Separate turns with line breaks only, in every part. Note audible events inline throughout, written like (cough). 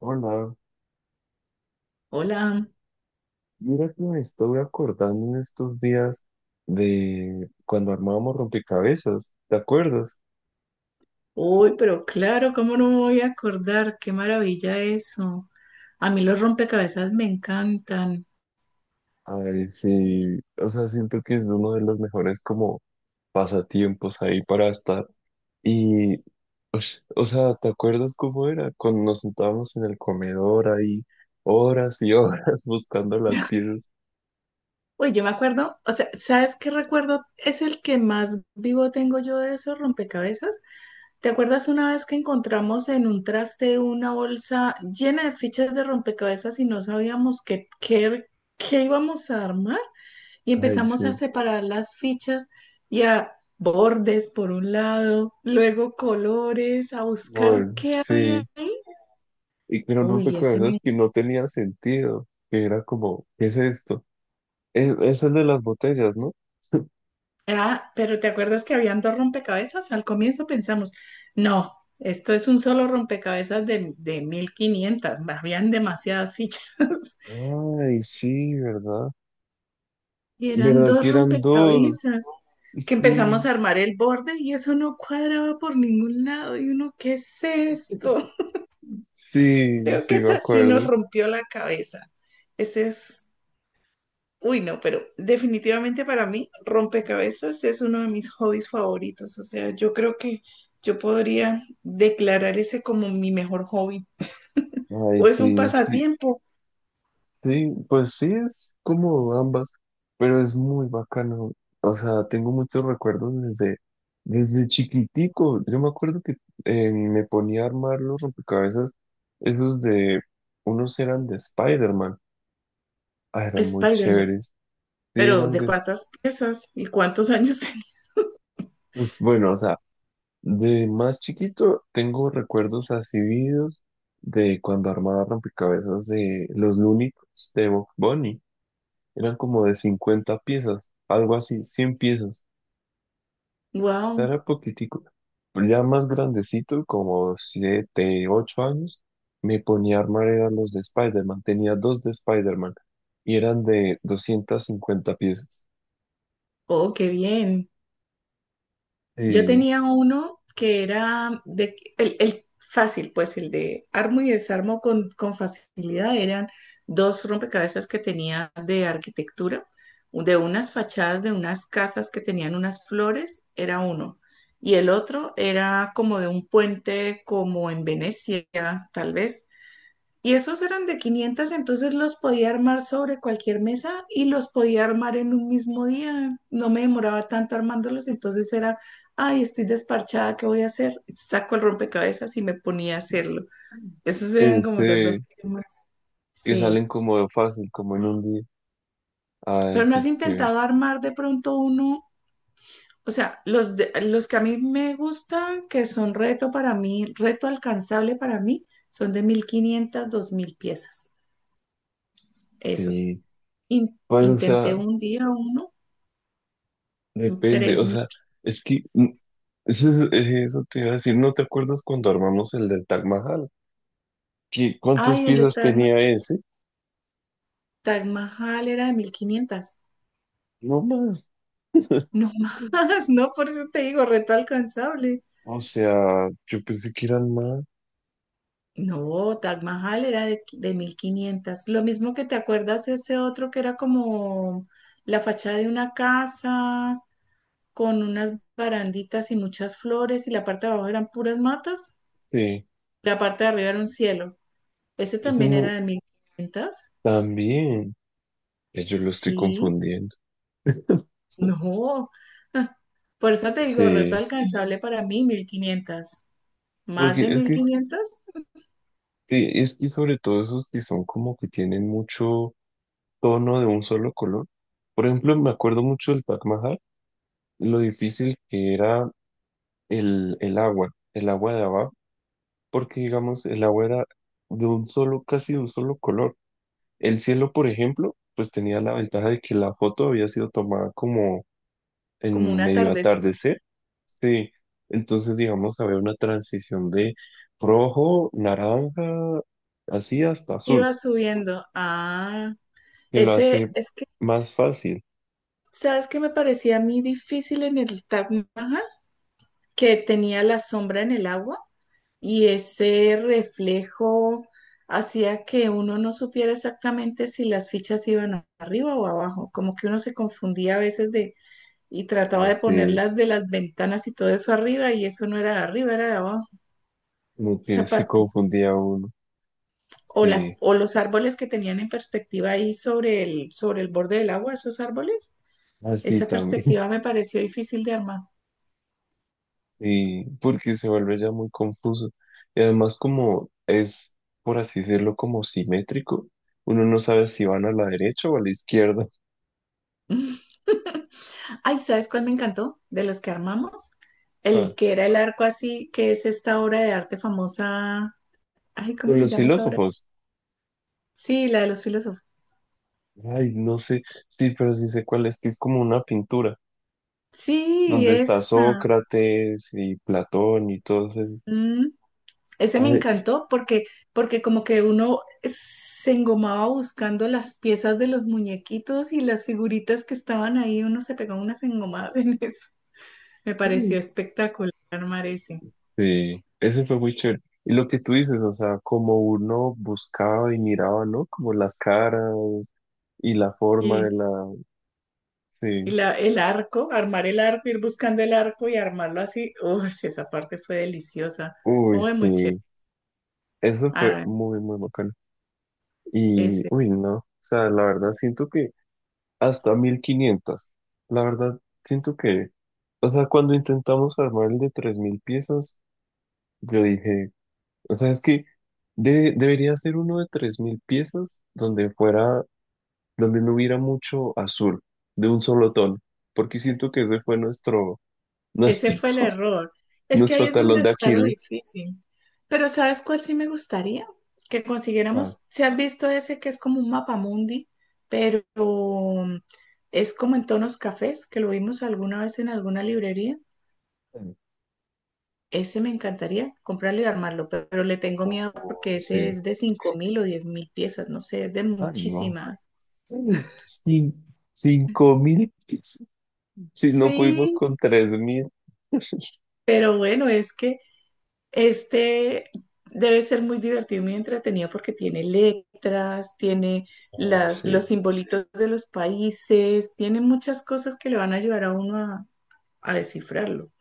Hola,
Hola,
mira que me estoy acordando en estos días de cuando armábamos rompecabezas, ¿te acuerdas?
uy, pero claro, ¿cómo no me voy a acordar? Qué maravilla eso. A mí los rompecabezas me encantan.
Ay, sí, o sea, siento que es uno de los mejores como pasatiempos ahí para estar. Y, o sea, ¿te acuerdas cómo era? Cuando nos sentábamos en el comedor ahí horas y horas (laughs) buscando las
(laughs)
piezas.
Uy, yo me acuerdo, o sea, ¿sabes qué recuerdo? Es el que más vivo tengo yo de esos rompecabezas. ¿Te acuerdas una vez que encontramos en un traste una bolsa llena de fichas de rompecabezas y no sabíamos qué íbamos a armar? Y
Ay,
empezamos a
sí,
separar las fichas y a bordes por un lado, luego colores, a buscar
bueno,
qué
sí.
había ahí.
Y que eran
Uy, ese
rompecabezas
me...
que no tenía sentido, que era como, ¿qué es esto? Es el de las botellas, ¿no?
Ah, pero ¿te acuerdas que habían dos rompecabezas? Al comienzo pensamos, no, esto es un solo rompecabezas de 1,500, habían demasiadas fichas. (laughs)
Ay, sí, ¿verdad?
Y eran
¿Verdad que
dos
eran dos?
rompecabezas que
Sí,
empezamos a armar el borde y eso no cuadraba por ningún lado y uno, ¿qué es esto?
sí,
Creo
sí,
que
me
esa sí nos
acuerdo.
rompió la cabeza. Ese es, uy, no, pero definitivamente para mí rompecabezas es uno de mis hobbies favoritos. O sea, yo creo que yo podría declarar ese como mi mejor hobby.
Ay,
O es un
sí, es que,
pasatiempo,
sí, pues sí, es como ambas, pero es muy bacano. O sea, tengo muchos recuerdos desde chiquitico. Yo me acuerdo que me ponía a armar los rompecabezas, esos de, unos eran de Spider-Man. Ah, eran muy
Spider-Man.
chéveres. Sí,
Pero ¿de cuántas piezas y cuántos (laughs) años tenía?
pues, bueno, o sea, de más chiquito tengo recuerdos así vividos de cuando armaba rompecabezas de los Looney Tunes de Bugs Bunny. Eran como de 50 piezas, algo así, 100 piezas. O sea,
Wow.
era poquitico. Pero ya más grandecito, como 7, 8 años, me ponía a armar eran los de Spider-Man. Tenía dos de Spider-Man y eran de 250 piezas.
Oh, qué bien. Yo
Y
tenía uno que era de, el fácil, pues el de armo y desarmo con facilidad. Eran dos rompecabezas que tenía de arquitectura, de unas fachadas de unas casas que tenían unas flores, era uno. Y el otro era como de un puente como en Venecia, tal vez, y esos eran de 500, entonces los podía armar sobre cualquier mesa y los podía armar en un mismo día. No me demoraba tanto armándolos, entonces era, ay, estoy desparchada, ¿qué voy a hacer? Saco el rompecabezas y me ponía a hacerlo. Esos eran como los
ese
dos temas.
que
Sí.
salen como fácil, como en un día.
Pero
Ay,
no has
qué chévere.
intentado armar de pronto uno, o sea, los que a mí me gustan, que son reto para mí, reto alcanzable para mí, son de 1,500, 2,000 piezas. Esos.
Sí. Pues, o
Intenté
sea,
un día uno,
depende,
tres
o
mil
sea, es que eso, eso te iba a decir, ¿no te acuerdas cuando armamos el del Taj Mahal? ¿Qué, cuántas
Ay, el de
piezas tenía ese?
Taj Mahal era de 1,500.
No más.
No más. (laughs) No, por eso te digo, reto alcanzable.
O sea, yo pensé que eran más.
No, Taj Mahal era de mil 1,500. Lo mismo que te acuerdas ese otro que era como la fachada de una casa con unas baranditas y muchas flores y la parte de abajo eran puras matas.
Sí,
La parte de arriba era un cielo. Ese
eso
también era
no,
de 1,500.
también. Yo lo estoy
Sí,
confundiendo.
no. (laughs) Por eso te digo, reto
Sí,
alcanzable para mí, 1,500. Más
porque
de mil quinientas
es que sobre todo esos que son como que tienen mucho tono de un solo color. Por ejemplo, me acuerdo mucho del Taj Mahal, lo difícil que era el agua, el agua de abajo, porque digamos, el agua era de un solo, casi de un solo color. El cielo, por ejemplo, pues tenía la ventaja de que la foto había sido tomada como
Como
en
una
medio
tardecita.
atardecer. Sí, entonces digamos, había una transición de rojo, naranja, así hasta azul,
Iba subiendo. Ah,
que lo
ese
hace
es que,
más fácil,
¿sabes qué me parecía a mí difícil en el Taj Mahal? Que tenía la sombra en el agua y ese reflejo hacía que uno no supiera exactamente si las fichas iban arriba o abajo. Como que uno se confundía a veces de y trataba de
hace
ponerlas de las ventanas y todo eso arriba y eso no era de arriba, era de abajo.
como que
Esa
se
parte.
confundía uno,
O las,
sí,
o los árboles que tenían en perspectiva ahí sobre el borde del agua, esos árboles.
así
Esa
también.
perspectiva me pareció difícil de armar.
Y porque se vuelve ya muy confuso. Y además como es, por así decirlo, como simétrico, uno no sabe si van a la derecha o a la izquierda.
Ay, ¿sabes cuál me encantó? De los que armamos.
(laughs)
El
Pa-
que era el arco así, que es esta obra de arte famosa. Ay, ¿cómo
Pero
se
los
llama esa obra?
filósofos,
Sí, la de los filósofos.
ay, no sé, sí, pero sí sé cuál es, que es como una pintura,
Sí,
donde está
esa.
Sócrates y Platón y todos esos.
Mm. Ese me
Ay,
encantó porque como que uno se engomaba buscando las piezas de los muñequitos y las figuritas que estaban ahí, uno se pegaba unas engomadas (laughs) en eso. Me pareció espectacular armar ese.
sí, ese fue muy chévere. Y lo que tú dices, o sea, como uno buscaba y miraba, ¿no? Como las caras y la forma
Y,
de la...
y
Sí.
la, el arco, armar el arco, ir buscando el arco y armarlo así. Uy, esa parte fue deliciosa.
Uy,
Muy, muy chévere.
sí, eso fue
Ah,
muy, muy bacano. Y,
ese.
uy, no, o sea, la verdad siento que hasta 1500, la verdad siento que, o sea, cuando intentamos armar el de 3000 piezas, yo dije, o sea, es que debería ser uno de 3000 piezas donde fuera, donde no hubiera mucho azul, de un solo tono, porque siento que ese fue
Ese
nuestro,
fue el
(laughs)
error. Es que ahí
nuestro
es donde
talón de
está lo
Aquiles.
difícil. Pero ¿sabes cuál sí me gustaría? Que
Ah,
consiguiéramos, si has visto ese que es como un mapamundi, pero es como en tonos cafés, que lo vimos alguna vez en alguna librería. Ese me encantaría comprarlo y armarlo, pero le tengo miedo porque ese
sí.
es de 5,000 o 10,000 piezas, no sé, es de
Ay, no.
muchísimas.
Cin- 5000, si no pudimos
Sí,
con 3000.
pero bueno, es que este debe ser muy divertido y muy entretenido porque tiene letras, tiene
Ah,
los
sí,
simbolitos de los países, tiene muchas cosas que le van a ayudar a uno a, descifrarlo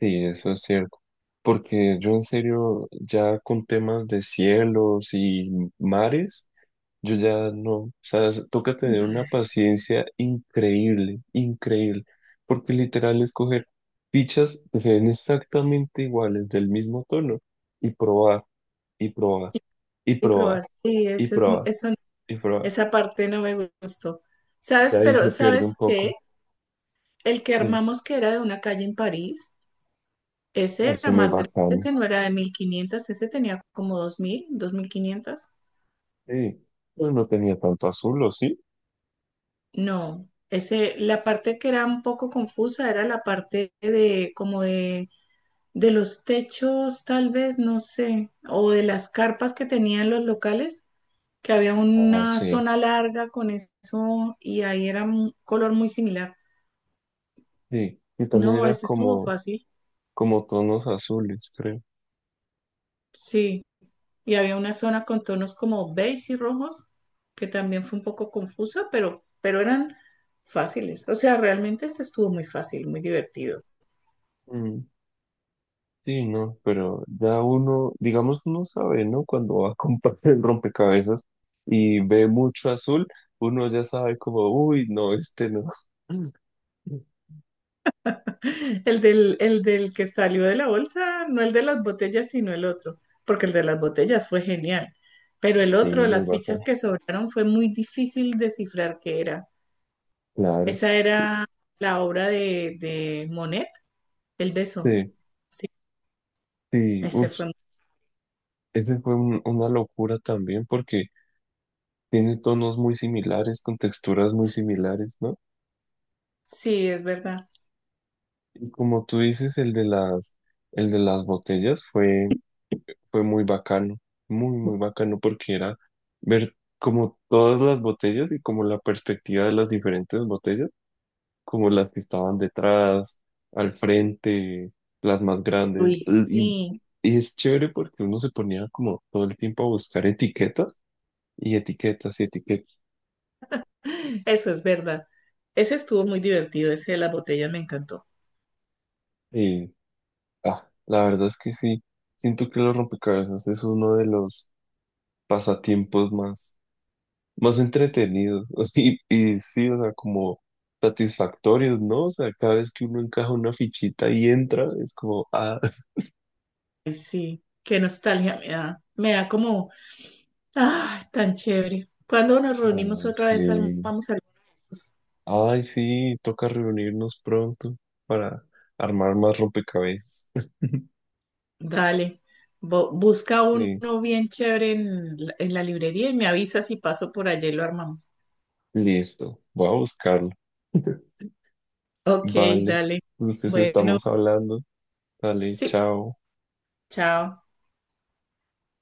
sí, eso es cierto. Porque yo en serio, ya con temas de cielos y mares, yo ya no, o sea, toca tener una paciencia increíble, increíble. Porque literal es coger fichas que se ven exactamente iguales, del mismo tono, y probar, y probar, y
y
probar,
probar. Sí,
y
ese es,
probar,
eso,
y probar.
esa parte no me gustó.
Ya
¿Sabes?
ahí
Pero
se pierde un
¿sabes qué?
poco.
El que armamos que era de una calle en París, ese era
Ese muy
más grande,
bacano.
ese no era de 1,500, ese tenía como dos mil, 2,000 2,500.
Sí. Pero no tenía tanto azul, ¿o sí?
No, ese, la parte que era un poco confusa era la parte de como de los techos, tal vez, no sé, o de las carpas que tenían los locales, que había
Ah,
una
sí.
zona larga con eso y ahí era un color muy similar.
Sí. Y también
No,
era
ese estuvo
como,
fácil,
como tonos azules, creo.
sí. Y había una zona con tonos como beige y rojos, que también fue un poco confusa, pero eran fáciles. O sea, realmente ese estuvo muy fácil, muy divertido.
Mm, sí, no, pero ya uno, digamos, uno sabe, ¿no? Cuando va a (laughs) comprar el rompecabezas y ve mucho azul, uno ya sabe como, uy, no, este no. (laughs)
El del que salió de la bolsa, no el de las botellas, sino el otro, porque el de las botellas fue genial. Pero el
Sí,
otro,
muy
las fichas
bacano.
que sobraron, fue muy difícil descifrar qué era.
Claro.
Esa era la obra de Monet, El beso.
Sí,
Sí,
sí,
ese
uff,
fue.
ese fue una locura también porque tiene tonos muy similares, con texturas muy similares, ¿no?
Sí, es verdad.
Como tú dices, el de las botellas fue, fue muy bacano, muy, muy bacano porque era ver como todas las botellas y como la perspectiva de las diferentes botellas, como las que estaban detrás, al frente, las más grandes.
Luis, sí,
Y es chévere porque uno se ponía como todo el tiempo a buscar etiquetas y etiquetas y etiquetas.
eso es verdad. Ese estuvo muy divertido, ese de las botellas me encantó.
Y ah, la verdad es que sí, siento que los rompecabezas es uno de los pasatiempos más más entretenidos (laughs) y sí, o sea, como satisfactorios, ¿no? O sea, cada vez que uno encaja una fichita y entra, es como, ah,
Ay, sí, qué nostalgia me da. Me da como, ah, tan chévere. Cuando nos reunimos
ay,
otra
sí,
vez, armamos alguna de esos.
ay, sí, toca reunirnos pronto para armar más rompecabezas. (laughs)
Dale, busca
Sí,
uno bien chévere en la librería y me avisa si paso por allá y lo armamos.
listo, voy a buscarlo.
Ok,
Vale,
dale.
entonces
Bueno,
estamos hablando. Dale,
sí,
chao.
chao.